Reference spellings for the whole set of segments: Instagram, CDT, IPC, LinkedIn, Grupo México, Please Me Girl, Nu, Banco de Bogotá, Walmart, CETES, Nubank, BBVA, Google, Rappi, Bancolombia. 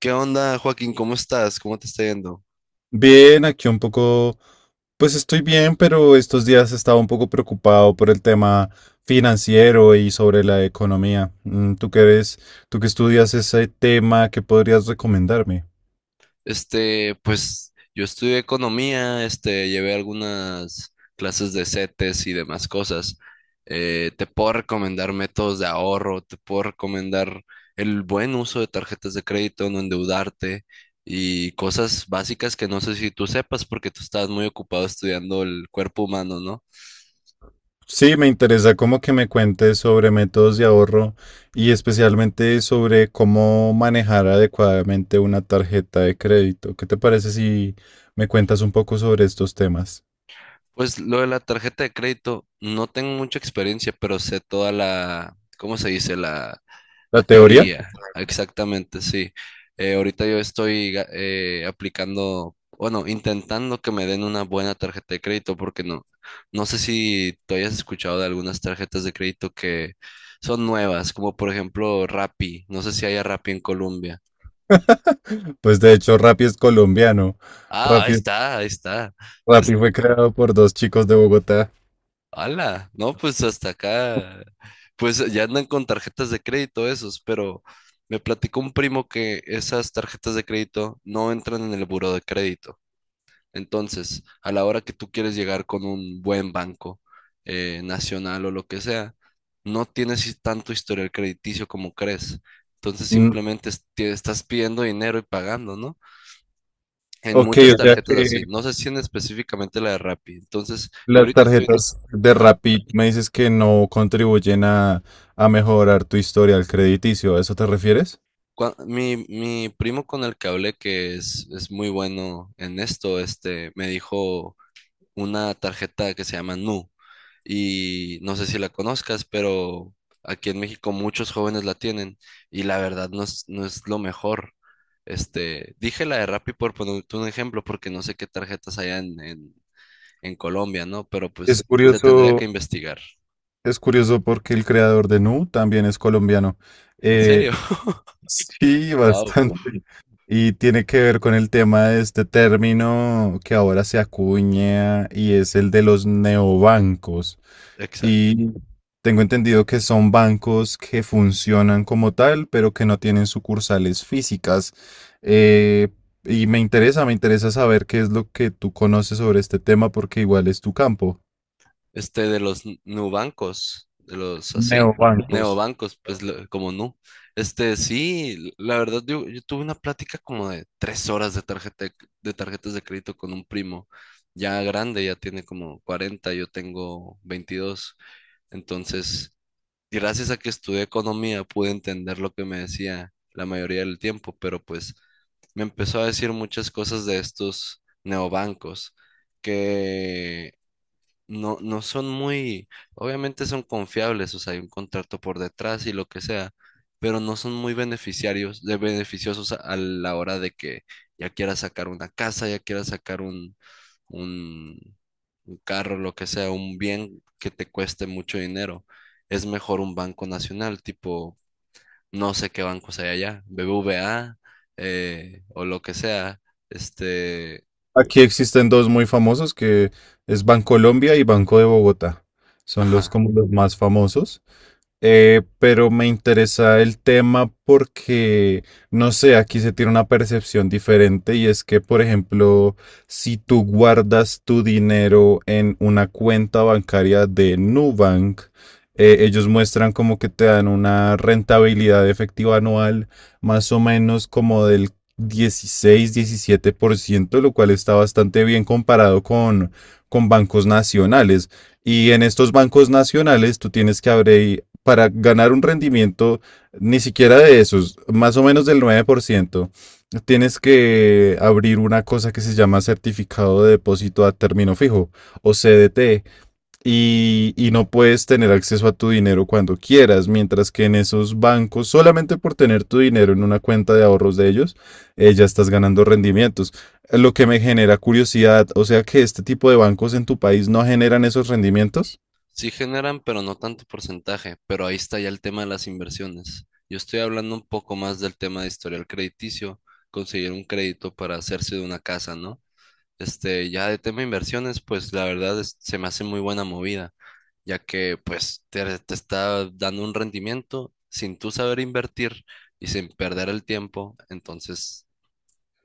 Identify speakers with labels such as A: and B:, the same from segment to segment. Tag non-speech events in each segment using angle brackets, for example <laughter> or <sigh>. A: ¿Qué onda, Joaquín? ¿Cómo estás? ¿Cómo te está yendo?
B: Bien, aquí un poco, pues estoy bien, pero estos días estaba un poco preocupado por el tema financiero y sobre la economía. ¿Tú que eres, tú que estudias ese tema, qué podrías recomendarme?
A: Pues yo estudié economía, llevé algunas clases de CETES y demás cosas. Te puedo recomendar métodos de ahorro, te puedo recomendar el buen uso de tarjetas de crédito, no endeudarte y cosas básicas que no sé si tú sepas porque tú estabas muy ocupado estudiando el cuerpo humano, ¿no?
B: Sí, me interesa como que me cuentes sobre métodos de ahorro y especialmente sobre cómo manejar adecuadamente una tarjeta de crédito. ¿Qué te parece si me cuentas un poco sobre estos temas?
A: Pues lo de la tarjeta de crédito, no tengo mucha experiencia, pero sé toda la, ¿cómo se dice? La
B: ¿La teoría?
A: teoría, exactamente, sí. Ahorita yo estoy aplicando, bueno, intentando que me den una buena tarjeta de crédito, porque no sé si tú hayas escuchado de algunas tarjetas de crédito que son nuevas, como por ejemplo Rappi, no sé si haya Rappi en Colombia.
B: <laughs> Pues de hecho, Rappi es colombiano.
A: Ah, ahí
B: Rappi
A: está, ahí está.
B: Rappi fue creado por dos chicos de Bogotá.
A: Ala, no, pues hasta acá, pues ya andan con tarjetas de crédito esos, pero me platicó un primo que esas tarjetas de crédito no entran en el buró de crédito. Entonces, a la hora que tú quieres llegar con un buen banco nacional o lo que sea, no tienes tanto historial crediticio como crees. Entonces,
B: Mm,
A: simplemente te estás pidiendo dinero y pagando, ¿no? En
B: ok,
A: muchas
B: o sea
A: tarjetas así,
B: que
A: no sé si en específicamente la de Rappi. Entonces, yo
B: las
A: ahorita estoy...
B: tarjetas de
A: Ajá.
B: Rappi me dices que no contribuyen a mejorar tu historial crediticio. ¿A eso te refieres?
A: Mi primo con el que hablé, que es muy bueno en esto, me dijo una tarjeta que se llama Nu. Y no sé si la conozcas, pero aquí en México muchos jóvenes la tienen. Y la verdad no es lo mejor. Este, dije la de Rappi por ponerte un ejemplo, porque no sé qué tarjetas hay en Colombia, ¿no? Pero
B: Es
A: pues se tendría
B: curioso,
A: que investigar.
B: es curioso porque el creador de Nu también es colombiano.
A: ¿En
B: Eh,
A: serio? <laughs>
B: Sí,
A: Wow.
B: bastante. Y tiene que ver con el tema de este término que ahora se acuña y es el de los neobancos.
A: Exacto.
B: Y tengo entendido que son bancos que funcionan como tal, pero que no tienen sucursales físicas. Eh, y me interesa saber qué es lo que tú conoces sobre este tema porque igual es tu campo.
A: Nubancos, de los así,
B: Neobancos.
A: neobancos, pues lo- como no Este, sí, la verdad, yo tuve una plática como de tres horas de tarjeta, de tarjetas de crédito con un primo, ya grande, ya tiene como 40. Yo tengo 22. Entonces, gracias a que estudié economía, pude entender lo que me decía la mayoría del tiempo, pero pues me empezó a decir muchas cosas de estos neobancos que no son muy, obviamente son confiables, o sea, hay un contrato por detrás y lo que sea, pero no son muy beneficiarios, de beneficiosos a la hora de que ya quieras sacar una casa, ya quieras sacar un, un carro, lo que sea, un bien que te cueste mucho dinero. Es mejor un banco nacional, tipo, no sé qué bancos hay allá, BBVA, o lo que sea, este,
B: Aquí existen dos muy famosos que es Bancolombia y Banco de Bogotá. Son los
A: ajá.
B: como los más famosos. Pero me interesa el tema porque, no sé, aquí se tiene una percepción diferente y es que, por ejemplo, si tú guardas tu dinero en una cuenta bancaria de Nubank, ellos muestran como que te dan una rentabilidad efectiva anual más o menos como del 16 17%, lo cual está bastante bien comparado con bancos nacionales. Y en estos bancos nacionales tú tienes que abrir, para ganar un rendimiento ni siquiera de esos, más o menos del 9%, tienes que abrir una cosa que se llama certificado de depósito a término fijo o CDT y no puedes tener acceso a tu dinero cuando quieras, mientras que en esos bancos, solamente por tener tu dinero en una cuenta de ahorros de ellos, ya estás ganando rendimientos. Lo que me genera curiosidad, o sea que este tipo de bancos en tu país no generan esos rendimientos.
A: Sí generan, pero no tanto porcentaje, pero ahí está ya el tema de las inversiones. Yo estoy hablando un poco más del tema de historial crediticio, conseguir un crédito para hacerse de una casa, ¿no? Este, ya de tema de inversiones, pues la verdad se me hace muy buena movida, ya que pues te está dando un rendimiento sin tú saber invertir y sin perder el tiempo, entonces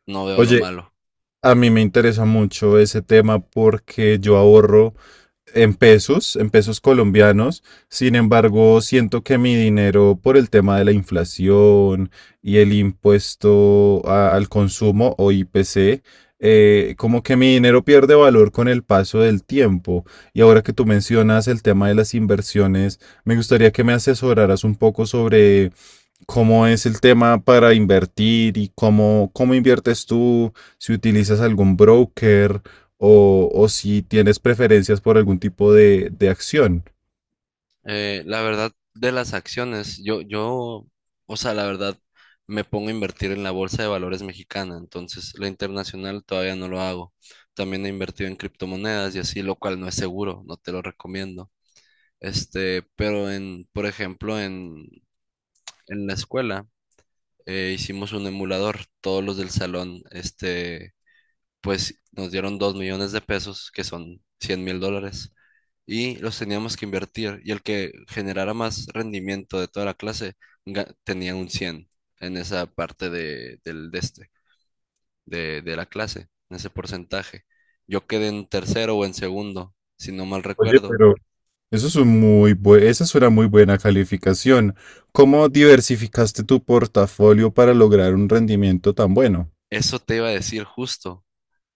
A: no veo lo
B: Oye,
A: malo.
B: a mí me interesa mucho ese tema porque yo ahorro en pesos colombianos. Sin embargo, siento que mi dinero por el tema de la inflación y el impuesto a- al consumo o IPC, como que mi dinero pierde valor con el paso del tiempo. Y ahora que tú mencionas el tema de las inversiones, me gustaría que me asesoraras un poco sobre cómo es el tema para invertir y cómo, cómo inviertes tú, si utilizas algún broker o si tienes preferencias por algún tipo de acción.
A: La verdad de las acciones, o sea, la verdad me pongo a invertir en la bolsa de valores mexicana, entonces la internacional todavía no lo hago. También he invertido en criptomonedas y así, lo cual no es seguro, no te lo recomiendo. Este, pero por ejemplo, en la escuela hicimos un emulador, todos los del salón, este, pues nos dieron 2 millones de pesos, que son $100,000, y los teníamos que invertir. Y el que generara más rendimiento de toda la clase tenía un 100 en esa parte de, del, de, este, de la clase, en ese porcentaje. Yo quedé en tercero o en segundo, si no mal
B: Oye,
A: recuerdo.
B: pero eso es un muy bue- esa es una muy buena calificación. ¿Cómo diversificaste tu portafolio para lograr un rendimiento tan bueno?
A: Eso te iba a decir justo.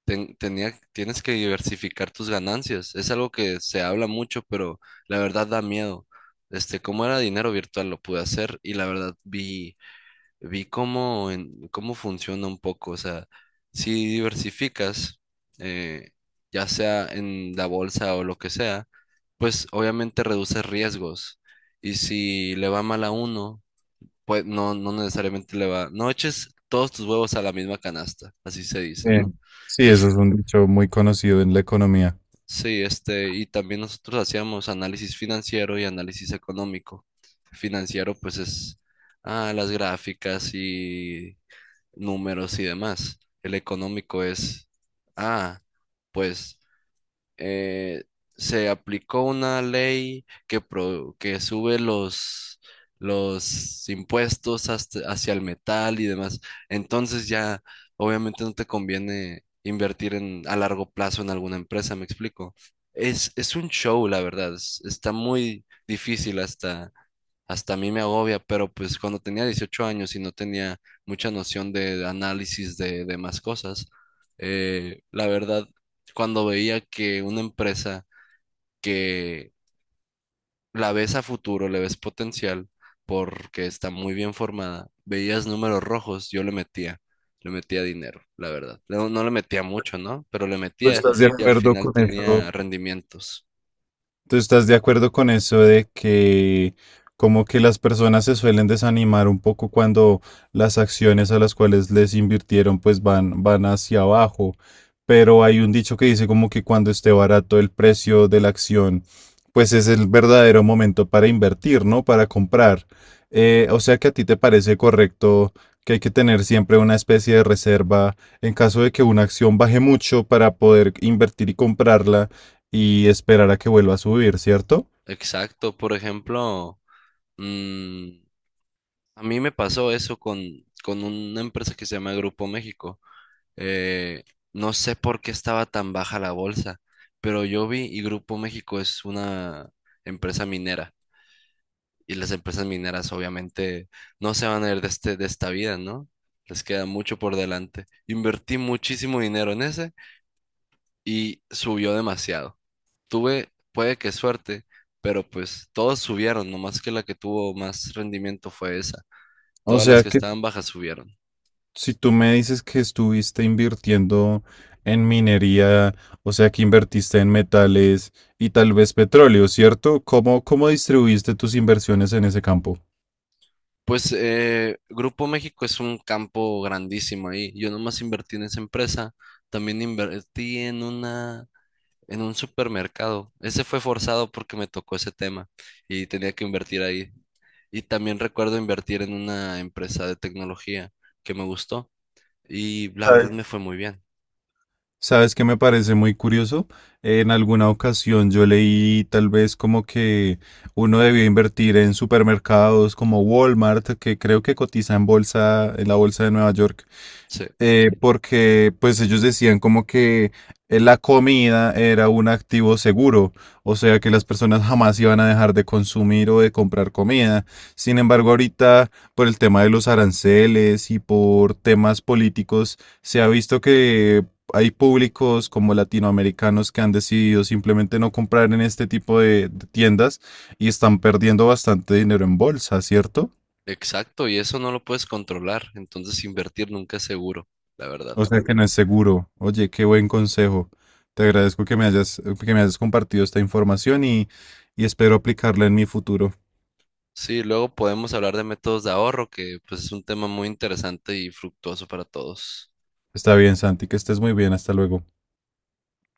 A: Tienes que diversificar tus ganancias. Es algo que se habla mucho, pero la verdad da miedo. Este, como era dinero virtual, lo pude hacer y la verdad vi cómo funciona un poco. O sea, si diversificas, eh, ya sea en la bolsa o lo que sea, pues obviamente reduces riesgos. Y si le va mal a uno, pues no necesariamente le va. No eches todos tus huevos a la misma canasta, así se dice,
B: Eh,
A: ¿no?
B: sí, eso es un dicho muy conocido en la economía.
A: Sí, este, y también nosotros hacíamos análisis financiero y análisis económico. Financiero, pues es las gráficas y números y demás. El económico es, ah, pues eh, se aplicó una ley que sube los impuestos hacia el metal y demás. Entonces ya obviamente no te conviene invertir a largo plazo en alguna empresa, ¿me explico? Es un show, la verdad. Está muy difícil, hasta a mí me agobia, pero pues cuando tenía 18 años y no tenía mucha noción de análisis de demás cosas, la verdad, cuando veía que una empresa que la ves a futuro, le ves potencial, porque está muy bien formada, veías números rojos, le metía dinero, la verdad. No le metía mucho, ¿no? Pero le
B: ¿Tú
A: metía
B: estás de
A: y al
B: acuerdo
A: final
B: con eso?
A: tenía rendimientos.
B: ¿Tú estás de acuerdo con eso de que como que las personas se suelen desanimar un poco cuando las acciones a las cuales les invirtieron pues van, van hacia abajo? Pero hay un dicho que dice como que cuando esté barato el precio de la acción, pues es el verdadero momento para invertir, ¿no? Para comprar. O sea que a ti te parece correcto que hay que tener siempre una especie de reserva en caso de que una acción baje mucho para poder invertir y comprarla y esperar a que vuelva a subir, ¿cierto?
A: Exacto, por ejemplo, mm, a mí me pasó eso con una empresa que se llama Grupo México. Eh, no sé por qué estaba tan baja la bolsa, pero yo vi y Grupo México es una empresa minera. Y las empresas mineras obviamente no se van a ir de esta vida, ¿no? Les queda mucho por delante. Invertí muchísimo dinero en ese y subió demasiado. Tuve, puede que suerte, pero pues todos subieron, nomás que la que tuvo más rendimiento fue esa.
B: O
A: Todas las
B: sea
A: que
B: que
A: estaban bajas subieron.
B: si tú me dices que estuviste invirtiendo en minería, o sea que invertiste en metales y tal vez petróleo, ¿cierto? ¿Cómo, cómo distribuiste tus inversiones en ese campo?
A: Pues Grupo México es un campo grandísimo ahí. Yo nomás invertí en esa empresa. También invertí en en un supermercado. Ese fue forzado porque me tocó ese tema y tenía que invertir ahí. Y también recuerdo invertir en una empresa de tecnología que me gustó y la verdad me fue muy bien.
B: ¿Sabes qué me parece muy curioso? En alguna ocasión yo leí tal vez como que uno debía invertir en supermercados como Walmart, que creo que cotiza en bolsa, en la bolsa de Nueva York,
A: Sí,
B: porque pues ellos decían como que la comida era un activo seguro, o sea que las personas jamás iban a dejar de consumir o de comprar comida. Sin embargo, ahorita por el tema de los aranceles y por temas políticos, se ha visto que hay públicos como latinoamericanos que han decidido simplemente no comprar en este tipo de tiendas y están perdiendo bastante dinero en bolsa, ¿cierto?
A: exacto. Y eso no lo puedes controlar. Entonces invertir nunca es seguro, la verdad.
B: O sea que no es seguro. Oye, qué buen consejo. Te agradezco que me hayas compartido esta información y espero aplicarla en mi futuro.
A: Sí, luego podemos hablar de métodos de ahorro, que pues es un tema muy interesante y fructuoso para todos.
B: Está bien, Santi, que estés muy bien. Hasta luego.